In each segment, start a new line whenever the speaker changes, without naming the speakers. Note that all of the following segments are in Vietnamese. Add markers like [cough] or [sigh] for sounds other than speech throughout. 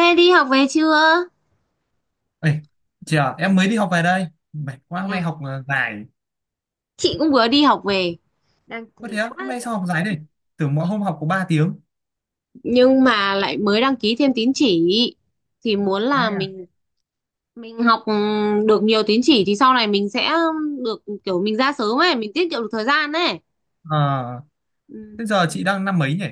Ê đi học về chưa?
Ê, chị à, em mới đi học về đây. Mệt quá, hôm nay
Yeah.
học dài.
Chị cũng vừa đi học về, đang
Có thế
mệt
á, hôm
quá,
nay sao học dài đây? Tưởng mỗi hôm học có ba tiếng.
nhưng mà lại mới đăng ký thêm tín chỉ thì muốn là
Ai à?
mình học được nhiều tín chỉ thì sau này mình sẽ được, kiểu mình ra sớm ấy, mình tiết kiệm được thời gian ấy.
Ờ,
Ừ.
thế giờ chị đang năm mấy nhỉ?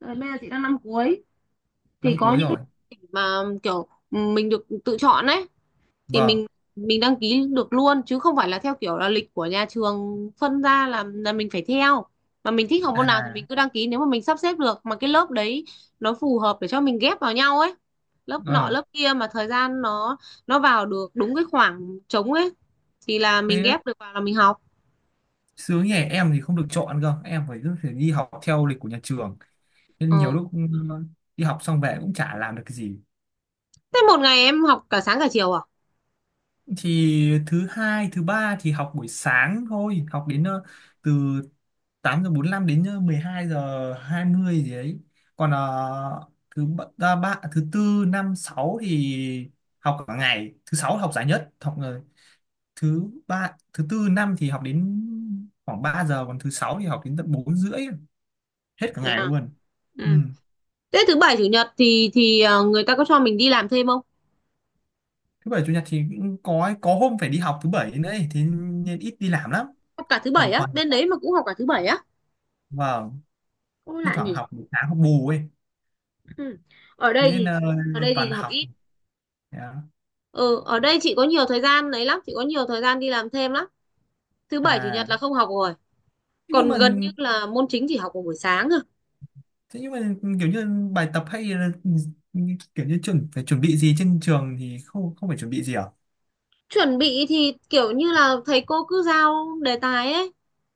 Rồi, bây giờ chị đang năm cuối thì
Năm
có
cuối
những cái
rồi.
mà kiểu mình được tự chọn ấy, thì
Vâng.
mình đăng ký được luôn chứ không phải là theo kiểu là lịch của nhà trường phân ra là mình phải theo, mà mình thích học môn nào thì
À,
mình cứ đăng ký, nếu mà mình sắp xếp được mà cái lớp đấy nó phù hợp để cho mình ghép vào nhau ấy, lớp nọ
ờ,
lớp kia mà thời gian nó vào được đúng cái khoảng trống ấy thì là mình
thế
ghép được vào là mình học.
sướng nhỉ, em thì không được chọn cơ. Em phải cứ phải đi học theo lịch của nhà trường. Nên nhiều
Ờ.
lúc đi học xong về cũng chả làm được cái gì.
Thế một ngày em học cả sáng cả chiều à?
Thì thứ hai thứ ba thì học buổi sáng thôi, học đến từ 8 giờ bốn lăm đến 12 giờ 20 gì đấy, còn thứ ba, thứ tư năm sáu thì học cả ngày, thứ sáu học giải nhất, học thứ ba thứ tư năm thì học đến khoảng 3 giờ, còn thứ sáu thì học đến tận bốn rưỡi, hết cả
Thế
ngày
à?
luôn.
Ừ.
Ừ.
Thế thứ bảy chủ nhật thì người ta có cho mình đi làm thêm không?
Thứ bảy chủ nhật thì cũng có hôm phải đi học thứ bảy nữa ấy, thế nên ít đi làm lắm.
Học cả thứ bảy
Còn
á?
toàn
Bên đấy mà cũng học cả thứ bảy á?
vâng,
Cũng
thi
lạ
thoảng
nhỉ.
học buổi sáng học bù ấy,
Ừ. Ở
thế
đây
nên
thì ở đây thì
toàn
học
học.
ít.
Đó.
Ừ, ở đây chị có nhiều thời gian đấy lắm, chị có nhiều thời gian đi làm thêm lắm. Thứ bảy chủ nhật
À,
là không học rồi.
thế nhưng
Còn
mà
gần như là môn chính chỉ học vào buổi sáng thôi.
thế nhưng mà kiểu như bài tập hay là kiểu như chuẩn phải chuẩn bị gì trên trường thì không không phải chuẩn bị gì à?
Chuẩn bị thì kiểu như là thầy cô cứ giao đề tài ấy.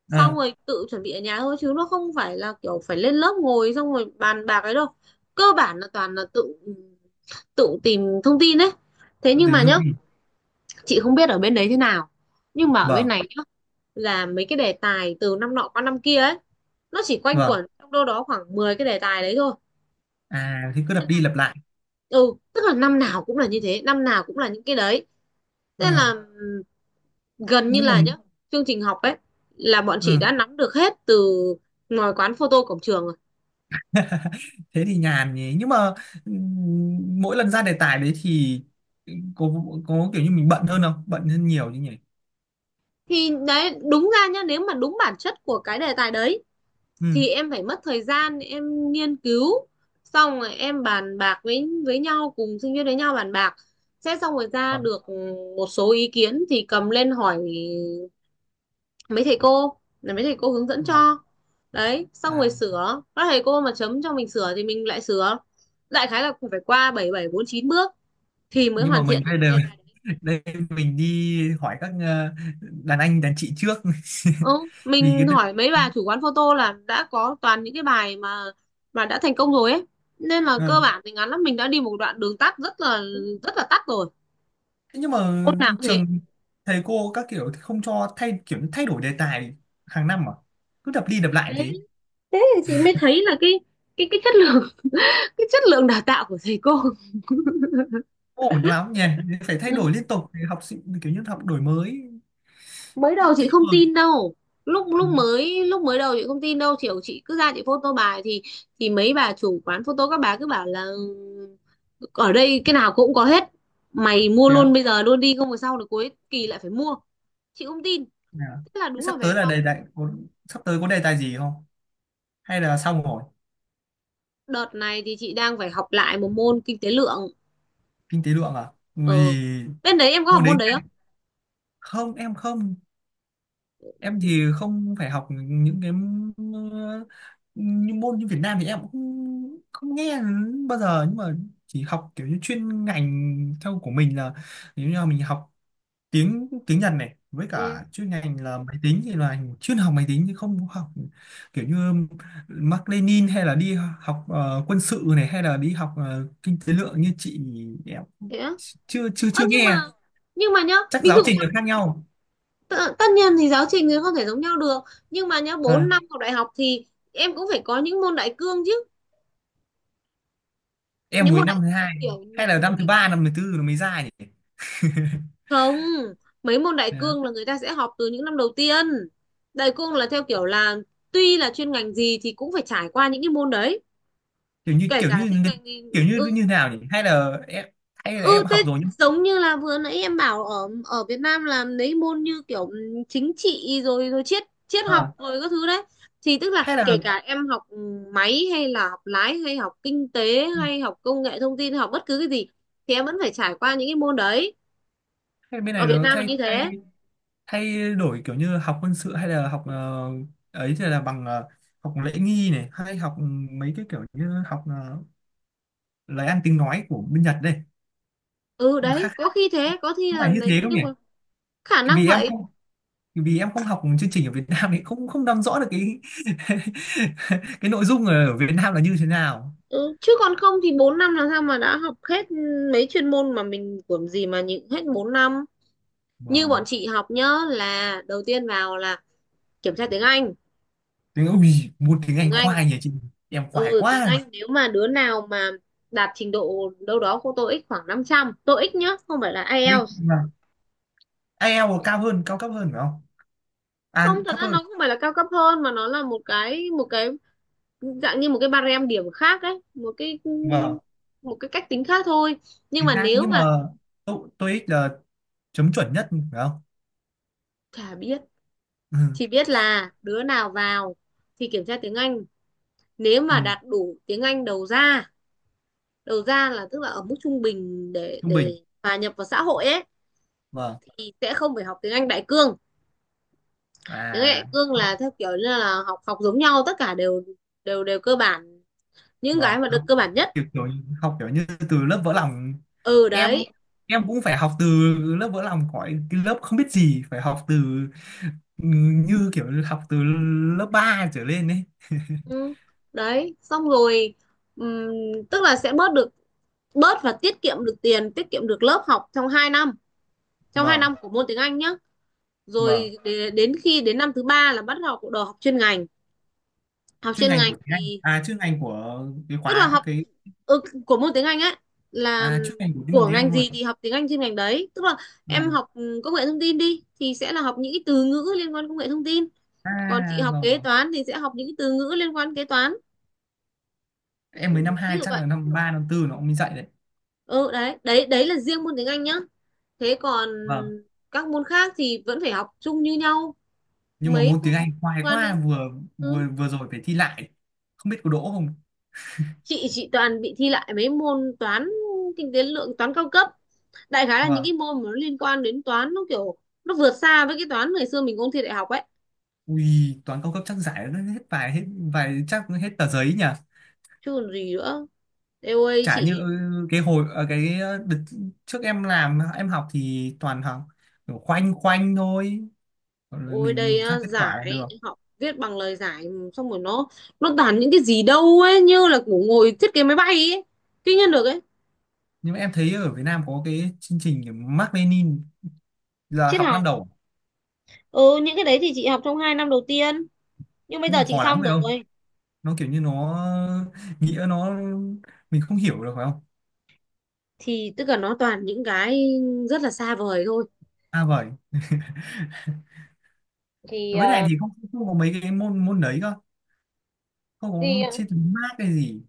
Xong
ờ
rồi tự chuẩn bị ở nhà thôi chứ nó không phải là kiểu phải lên lớp ngồi xong rồi bàn bạc ấy đâu. Cơ bản là toàn là tự tự tìm thông tin đấy. Thế
Tự
nhưng mà
tìm thông
nhá,
tin,
chị không biết ở bên đấy thế nào. Nhưng mà ở bên
vâng
này nhá, là mấy cái đề tài từ năm nọ qua năm kia ấy, nó chỉ quanh
vâng,
quẩn trong đâu đó khoảng 10 cái đề tài đấy thôi.
à thì cứ lặp đi lặp lại.
Ừ, tức là năm nào cũng là như thế, năm nào cũng là những cái đấy, thế là
ờ
gần như
nhưng mà
là nhá, chương trình học ấy là bọn chị đã
ừ,
nắm được hết từ ngoài quán photo cổng trường rồi.
thế thì nhàn nhỉ, nhưng mà mỗi lần ra đề tài đấy thì có có kiểu như mình bận hơn, không bận hơn nhiều chứ nhỉ?
Thì đấy, đúng ra nhá, nếu mà đúng bản chất của cái đề tài đấy
Ừ,
thì em phải mất thời gian em nghiên cứu, xong rồi em bàn bạc với nhau, cùng sinh viên với nhau bàn bạc sẽ xong rồi ra
vâng
được một số ý kiến thì cầm lên hỏi mấy thầy cô, là mấy thầy cô hướng dẫn
vâng,
cho. Đấy, xong
à
rồi sửa, các thầy cô mà chấm cho mình sửa thì mình lại sửa. Đại khái là cũng phải qua bảy bảy bốn chín bước thì mới
nhưng mà
hoàn thiện
mình
được
đây đều
cái đề tài.
đây, mình đi hỏi các đàn anh đàn chị trước
Ừ,
[laughs] vì
mình
cái
hỏi mấy bà chủ quán photo là đã có toàn những cái bài mà đã thành công rồi ấy, nên là cơ
ờ.
bản thì ngắn lắm, mình đã đi một đoạn đường tắt rất là tắt rồi.
Thế nhưng mà
Hôm nào cũng thế.
trường, thầy cô các kiểu thì không cho thay, kiểu như thay đổi đề tài hàng năm à, cứ đập đi đập lại
thế
thế.
Thế thì chị mới thấy là cái chất lượng [laughs] cái chất lượng đào tạo của thầy cô.
Không ổn lắm nhỉ, phải thay đổi liên tục để học sinh kiểu như học đổi mới.
Mới đầu
Thế
chị
nhưng
không
mà
tin đâu. lúc
ừ.
lúc mới lúc mới đầu chị không tin đâu, kiểu chị cứ ra chị photo bài thì mấy bà chủ quán photo các bà cứ bảo là ở đây cái nào cũng có hết, mày mua
Thế á?
luôn bây giờ luôn đi không phải sau được cuối kỳ lại phải mua. Chị không tin,
Thế à?
thế là
Thế
đúng là
sắp
về
tới là
sau.
đề tài có, sắp tới có đề tài gì không, hay là xong rồi?
Đợt này thì chị đang phải học lại một môn kinh tế lượng.
Kinh tế lượng à?
Ờ,
Vì
bên đấy em có học
môn đấy
môn đấy không?
không, em thì không, phải học những cái ờ, như môn như Việt Nam thì em cũng không nghe bao giờ, nhưng mà chỉ học kiểu như chuyên ngành theo của mình, là ví dụ như là mình học tiếng tiếng Nhật này với
Ừ,
cả chuyên ngành là máy tính thì là chuyên học máy tính, chứ không có học kiểu như Mác Lênin, hay là đi học quân sự này, hay là đi học kinh tế lượng như chị. Em
thế á?
chưa chưa
Ơ
chưa
nhưng mà,
nghe,
nhưng mà nhá,
chắc
ví
giáo
dụ cho.
trình là khác nhau.
Tất, tất nhiên thì giáo trình thì không thể giống nhau được, nhưng mà nhá, bốn
Ờ.
năm học đại học thì em cũng phải có những môn đại cương chứ.
Em
Những
mới
môn đại
năm thứ
cương
hai,
kiểu,
hay là năm thứ
kiểu.
ba năm thứ tư nó mới ra nhỉ? [laughs]
Không, mấy môn đại
Đó.
cương là người ta sẽ học từ những năm đầu tiên. Đại cương là theo kiểu là tuy là chuyên ngành gì thì cũng phải trải qua những cái môn đấy,
kiểu như
kể
kiểu
cả
như
chuyên ngành gì.
kiểu như
Ừ.
như nào nhỉ, hay là
Ừ,
em
thế
học rồi nhưng
giống như là vừa nãy em bảo ở ở Việt Nam làm mấy môn như kiểu chính trị rồi rồi triết triết
à.
học rồi các thứ đấy, thì tức là
Hay là
kể cả em học máy hay là học lái hay học kinh tế
ừ,
hay học công nghệ thông tin, học bất cứ cái gì thì em vẫn phải trải qua những cái môn đấy.
hay bên
Ở
này
Việt
nó
Nam là
thay
như
thay
thế.
thay đổi kiểu như học quân sự, hay là học ấy, thì là bằng học lễ nghi này, hay học mấy cái kiểu như học lời ăn tiếng nói của bên Nhật đây,
Ừ
nó khác
đấy, có
khác,
khi thế, có khi
có
là
phải như
đấy
thế không
nhưng
nhỉ?
mà khả năng
vì em
vậy.
không Vì em không học chương trình ở Việt Nam thì không không nắm rõ được cái [laughs] cái nội dung ở Việt Nam là như thế nào.
Ừ, chứ còn không thì 4 năm làm sao mà đã học hết mấy chuyên môn mà mình của gì mà nhịn hết 4 năm. Như bọn
Vâng.
chị học nhớ là đầu tiên vào là kiểm tra tiếng Anh.
Ui, môn tiếng
Tiếng
Anh
Anh.
khoai nhỉ chị, em khoai
Ừ, tiếng
quá.
Anh nếu mà đứa nào mà đạt trình độ đâu đó của TOEIC khoảng 500 TOEIC nhá, không phải là
Đấy,
IELTS.
vâng. IELTS cao cấp hơn phải không?
Không,
À,
thật
thấp
ra
hơn.
nó không phải là cao cấp hơn mà nó là một cái dạng như một cái barem điểm khác ấy,
Vâng,
một cái cách tính khác thôi. Nhưng
chính
mà
xác.
nếu
Nhưng mà
mà,
TOEIC là chấm chuẩn nhất phải không?
chả biết.
Ừ,
Chỉ biết là đứa nào vào thì kiểm tra tiếng Anh, nếu
ừ,
mà đạt đủ tiếng Anh đầu ra, đầu ra là tức là ở mức trung bình để
trung bình,
hòa nhập vào xã hội ấy,
vâng.
thì sẽ không phải học tiếng Anh đại cương. Tiếng Anh
À,
đại cương là theo kiểu như là học học giống nhau, tất cả đều đều đều cơ bản, những
vâng,
cái mà được
học
cơ bản nhất.
kiểu học kiểu như từ lớp vỡ lòng.
Ừ
em
đấy.
em cũng phải học từ lớp vỡ lòng, khỏi cái lớp không biết gì, phải học từ như kiểu học từ lớp 3 trở lên ấy.
Ừ, đấy xong rồi ừm, tức là sẽ bớt được, bớt và tiết kiệm được tiền, tiết kiệm được lớp học trong 2 năm, trong 2
Vâng
năm của môn tiếng Anh nhá.
vâng.
Rồi để- đến khi đến năm thứ ba là bắt đầu học chuyên ngành. Học
Chuyên
chuyên
ngành
ngành
của tiếng Anh
thì
à, chuyên ngành của cái
tức là
khóa,
học
cái
ừ, của môn tiếng Anh ấy, là
à, chuyên ngành của cái môn
của
tiếng
ngành
Anh luôn.
gì thì học tiếng Anh trên ngành đấy, tức là em
Vâng.
học công nghệ thông tin đi thì sẽ là học những cái từ ngữ liên quan công nghệ thông tin, còn chị
À,
học
vâng
kế
vâng,
toán thì sẽ học những cái từ ngữ liên quan kế toán.
em mới năm
Ví
hai,
dụ
chắc
vậy.
là năm 3 năm tư nó cũng mới dạy đấy.
Ừ đấy, đấy là riêng môn tiếng Anh nhá, thế còn
Vâng.
các môn khác thì vẫn phải học chung như nhau.
Nhưng mà
Mấy
môn
môn
tiếng Anh
liên
khoai
quan
quá,
đến,
vừa
ừ.
vừa vừa rồi phải thi lại, không biết có đỗ không.
Chị toàn bị thi lại mấy môn toán, kinh tế lượng, toán cao cấp. Đại khái là những
Vâng.
cái môn mà nó liên quan đến toán, nó kiểu nó vượt xa với cái toán ngày xưa mình ôn thi đại học ấy.
Ui, toán cao cấp chắc giải nó hết vài, hết vài, chắc hết tờ giấy nhỉ.
Chứ còn gì nữa. Eo ơi
Chả như
chị,
cái hồi ờ, cái ờ, đợt trước em làm em học thì toàn học kiểu khoanh khoanh thôi, còn rồi
ôi đây
mình ra
á,
kết quả là
giải
được.
học viết bằng lời giải, xong rồi nó toàn những cái gì đâu ấy, như là của ngồi thiết kế máy bay ấy, kinh nhân được ấy.
Nhưng mà em thấy ở Việt Nam có cái chương trình kiểu Mác Lênin là
Triết
học năm
học,
đầu,
ừ những cái đấy thì chị học trong hai năm đầu tiên, nhưng bây giờ
nhưng mà
chị
khó lắm
xong
phải không?
rồi.
Nó kiểu như nó nghĩa nó mình không hiểu được phải không?
Thì tức là nó toàn những cái rất là xa vời thôi.
À vậy.
Thì
Với này thì không không có mấy cái môn môn đấy cơ, không
thì
có chia từ Mác hay gì.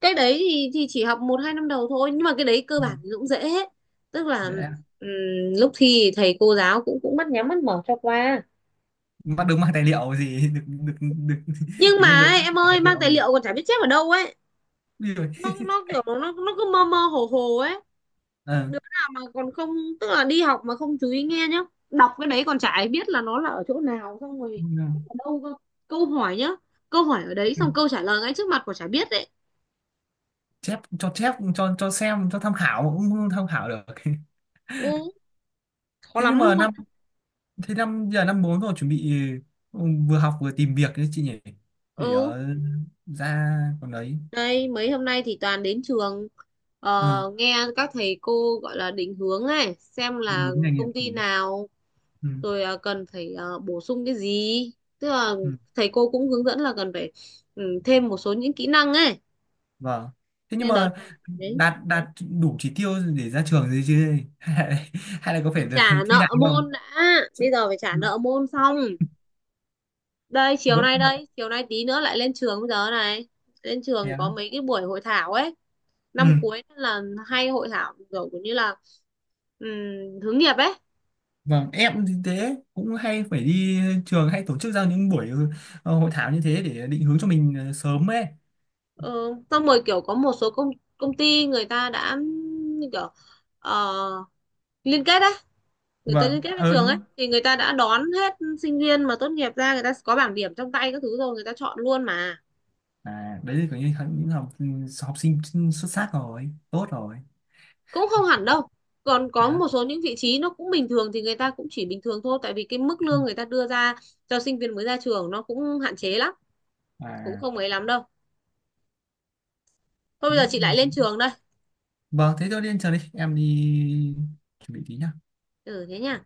cái đấy thì chỉ học một hai năm đầu thôi, nhưng mà cái đấy cơ bản thì cũng dễ hết. Tức là
Dễ
ừm, lúc thi thầy cô giáo cũng cũng mắt nhắm mắt mở cho qua.
mà, được mang tài liệu gì [laughs] được được được [laughs]
Nhưng
kiểu
mà
như được
ấy,
các
em
tài
ơi, mang
liệu
tài
gì.
liệu còn chả biết chép ở đâu ấy.
Ui giời.
Nó nó kiểu nó cứ mơ mơ hồ hồ ấy.
Ờ,
Đứa nào mà còn không, tức là đi học mà không chú ý nghe nhá, đọc cái đấy còn chả ai biết là nó là ở chỗ nào, xong rồi ở
ừ.
đâu cơ. Câu hỏi nhá, câu hỏi ở đấy xong câu trả lời ngay trước mặt còn chả biết đấy.
Chép cho cho xem, cho tham khảo cũng không tham khảo được [laughs]
Ừ, khó
thế nhưng
lắm
mà
luôn.
năm Thế năm, giờ năm bốn rồi, chuẩn bị ừ, vừa học vừa tìm việc đấy chị nhỉ, để
Ừ.
ra còn đấy.
Đây, mấy hôm nay thì toàn đến trường,
Ừ,
nghe các thầy cô gọi là định hướng này, xem
định
là
hướng nghề nghiệp,
công
ừ.
ty nào
Ừ.
rồi cần phải bổ sung cái gì. Tức là
Ừ.
thầy cô cũng hướng dẫn là cần phải thêm một số những kỹ năng ấy.
Vâng, thế nhưng
Nên đợt
mà
này đấy,
đạt đạt đủ chỉ tiêu để ra trường rồi chứ [laughs] hay là, có phải
trả
[laughs] thi lại
nợ
không?
môn đã, bây giờ phải trả
Ừ.
nợ môn xong.
Vẫn
Đây, chiều nay tí nữa lại lên trường bây giờ này. Lên
thế
trường
á.
có mấy cái buổi hội thảo ấy,
Ừ.
năm cuối là hay hội thảo kiểu như là ừm, hướng nghiệp ấy.
Vâng, em thì thế cũng hay phải đi trường, hay tổ chức ra những buổi hội thảo như thế để định hướng cho mình sớm ấy.
Ừ, xong rồi kiểu có một số công công ty người ta đã như kiểu ờ, liên kết đấy, người ta liên
Vâng,
kết với
ờ
trường ấy
đúng.
thì người ta đã đón hết sinh viên mà tốt nghiệp ra, người ta có bảng điểm trong tay các thứ rồi người ta chọn luôn mà.
À, đấy là kiểu như những học học sinh xuất sắc rồi, tốt rồi.
Cũng không hẳn đâu, còn có
Đấy, ạ.
một số những vị trí nó cũng bình thường thì người ta cũng chỉ bình thường thôi, tại vì cái mức
Ừ.
lương người ta đưa ra cho sinh viên mới ra trường nó cũng hạn chế lắm, cũng
À,
không ấy lắm đâu. Thôi bây
thế
giờ chị
cũng được.
lại lên trường đây.
Vâng, thế tôi đi ăn chờ đi, em đi chuẩn bị tí nhá.
Ừ thế nhá.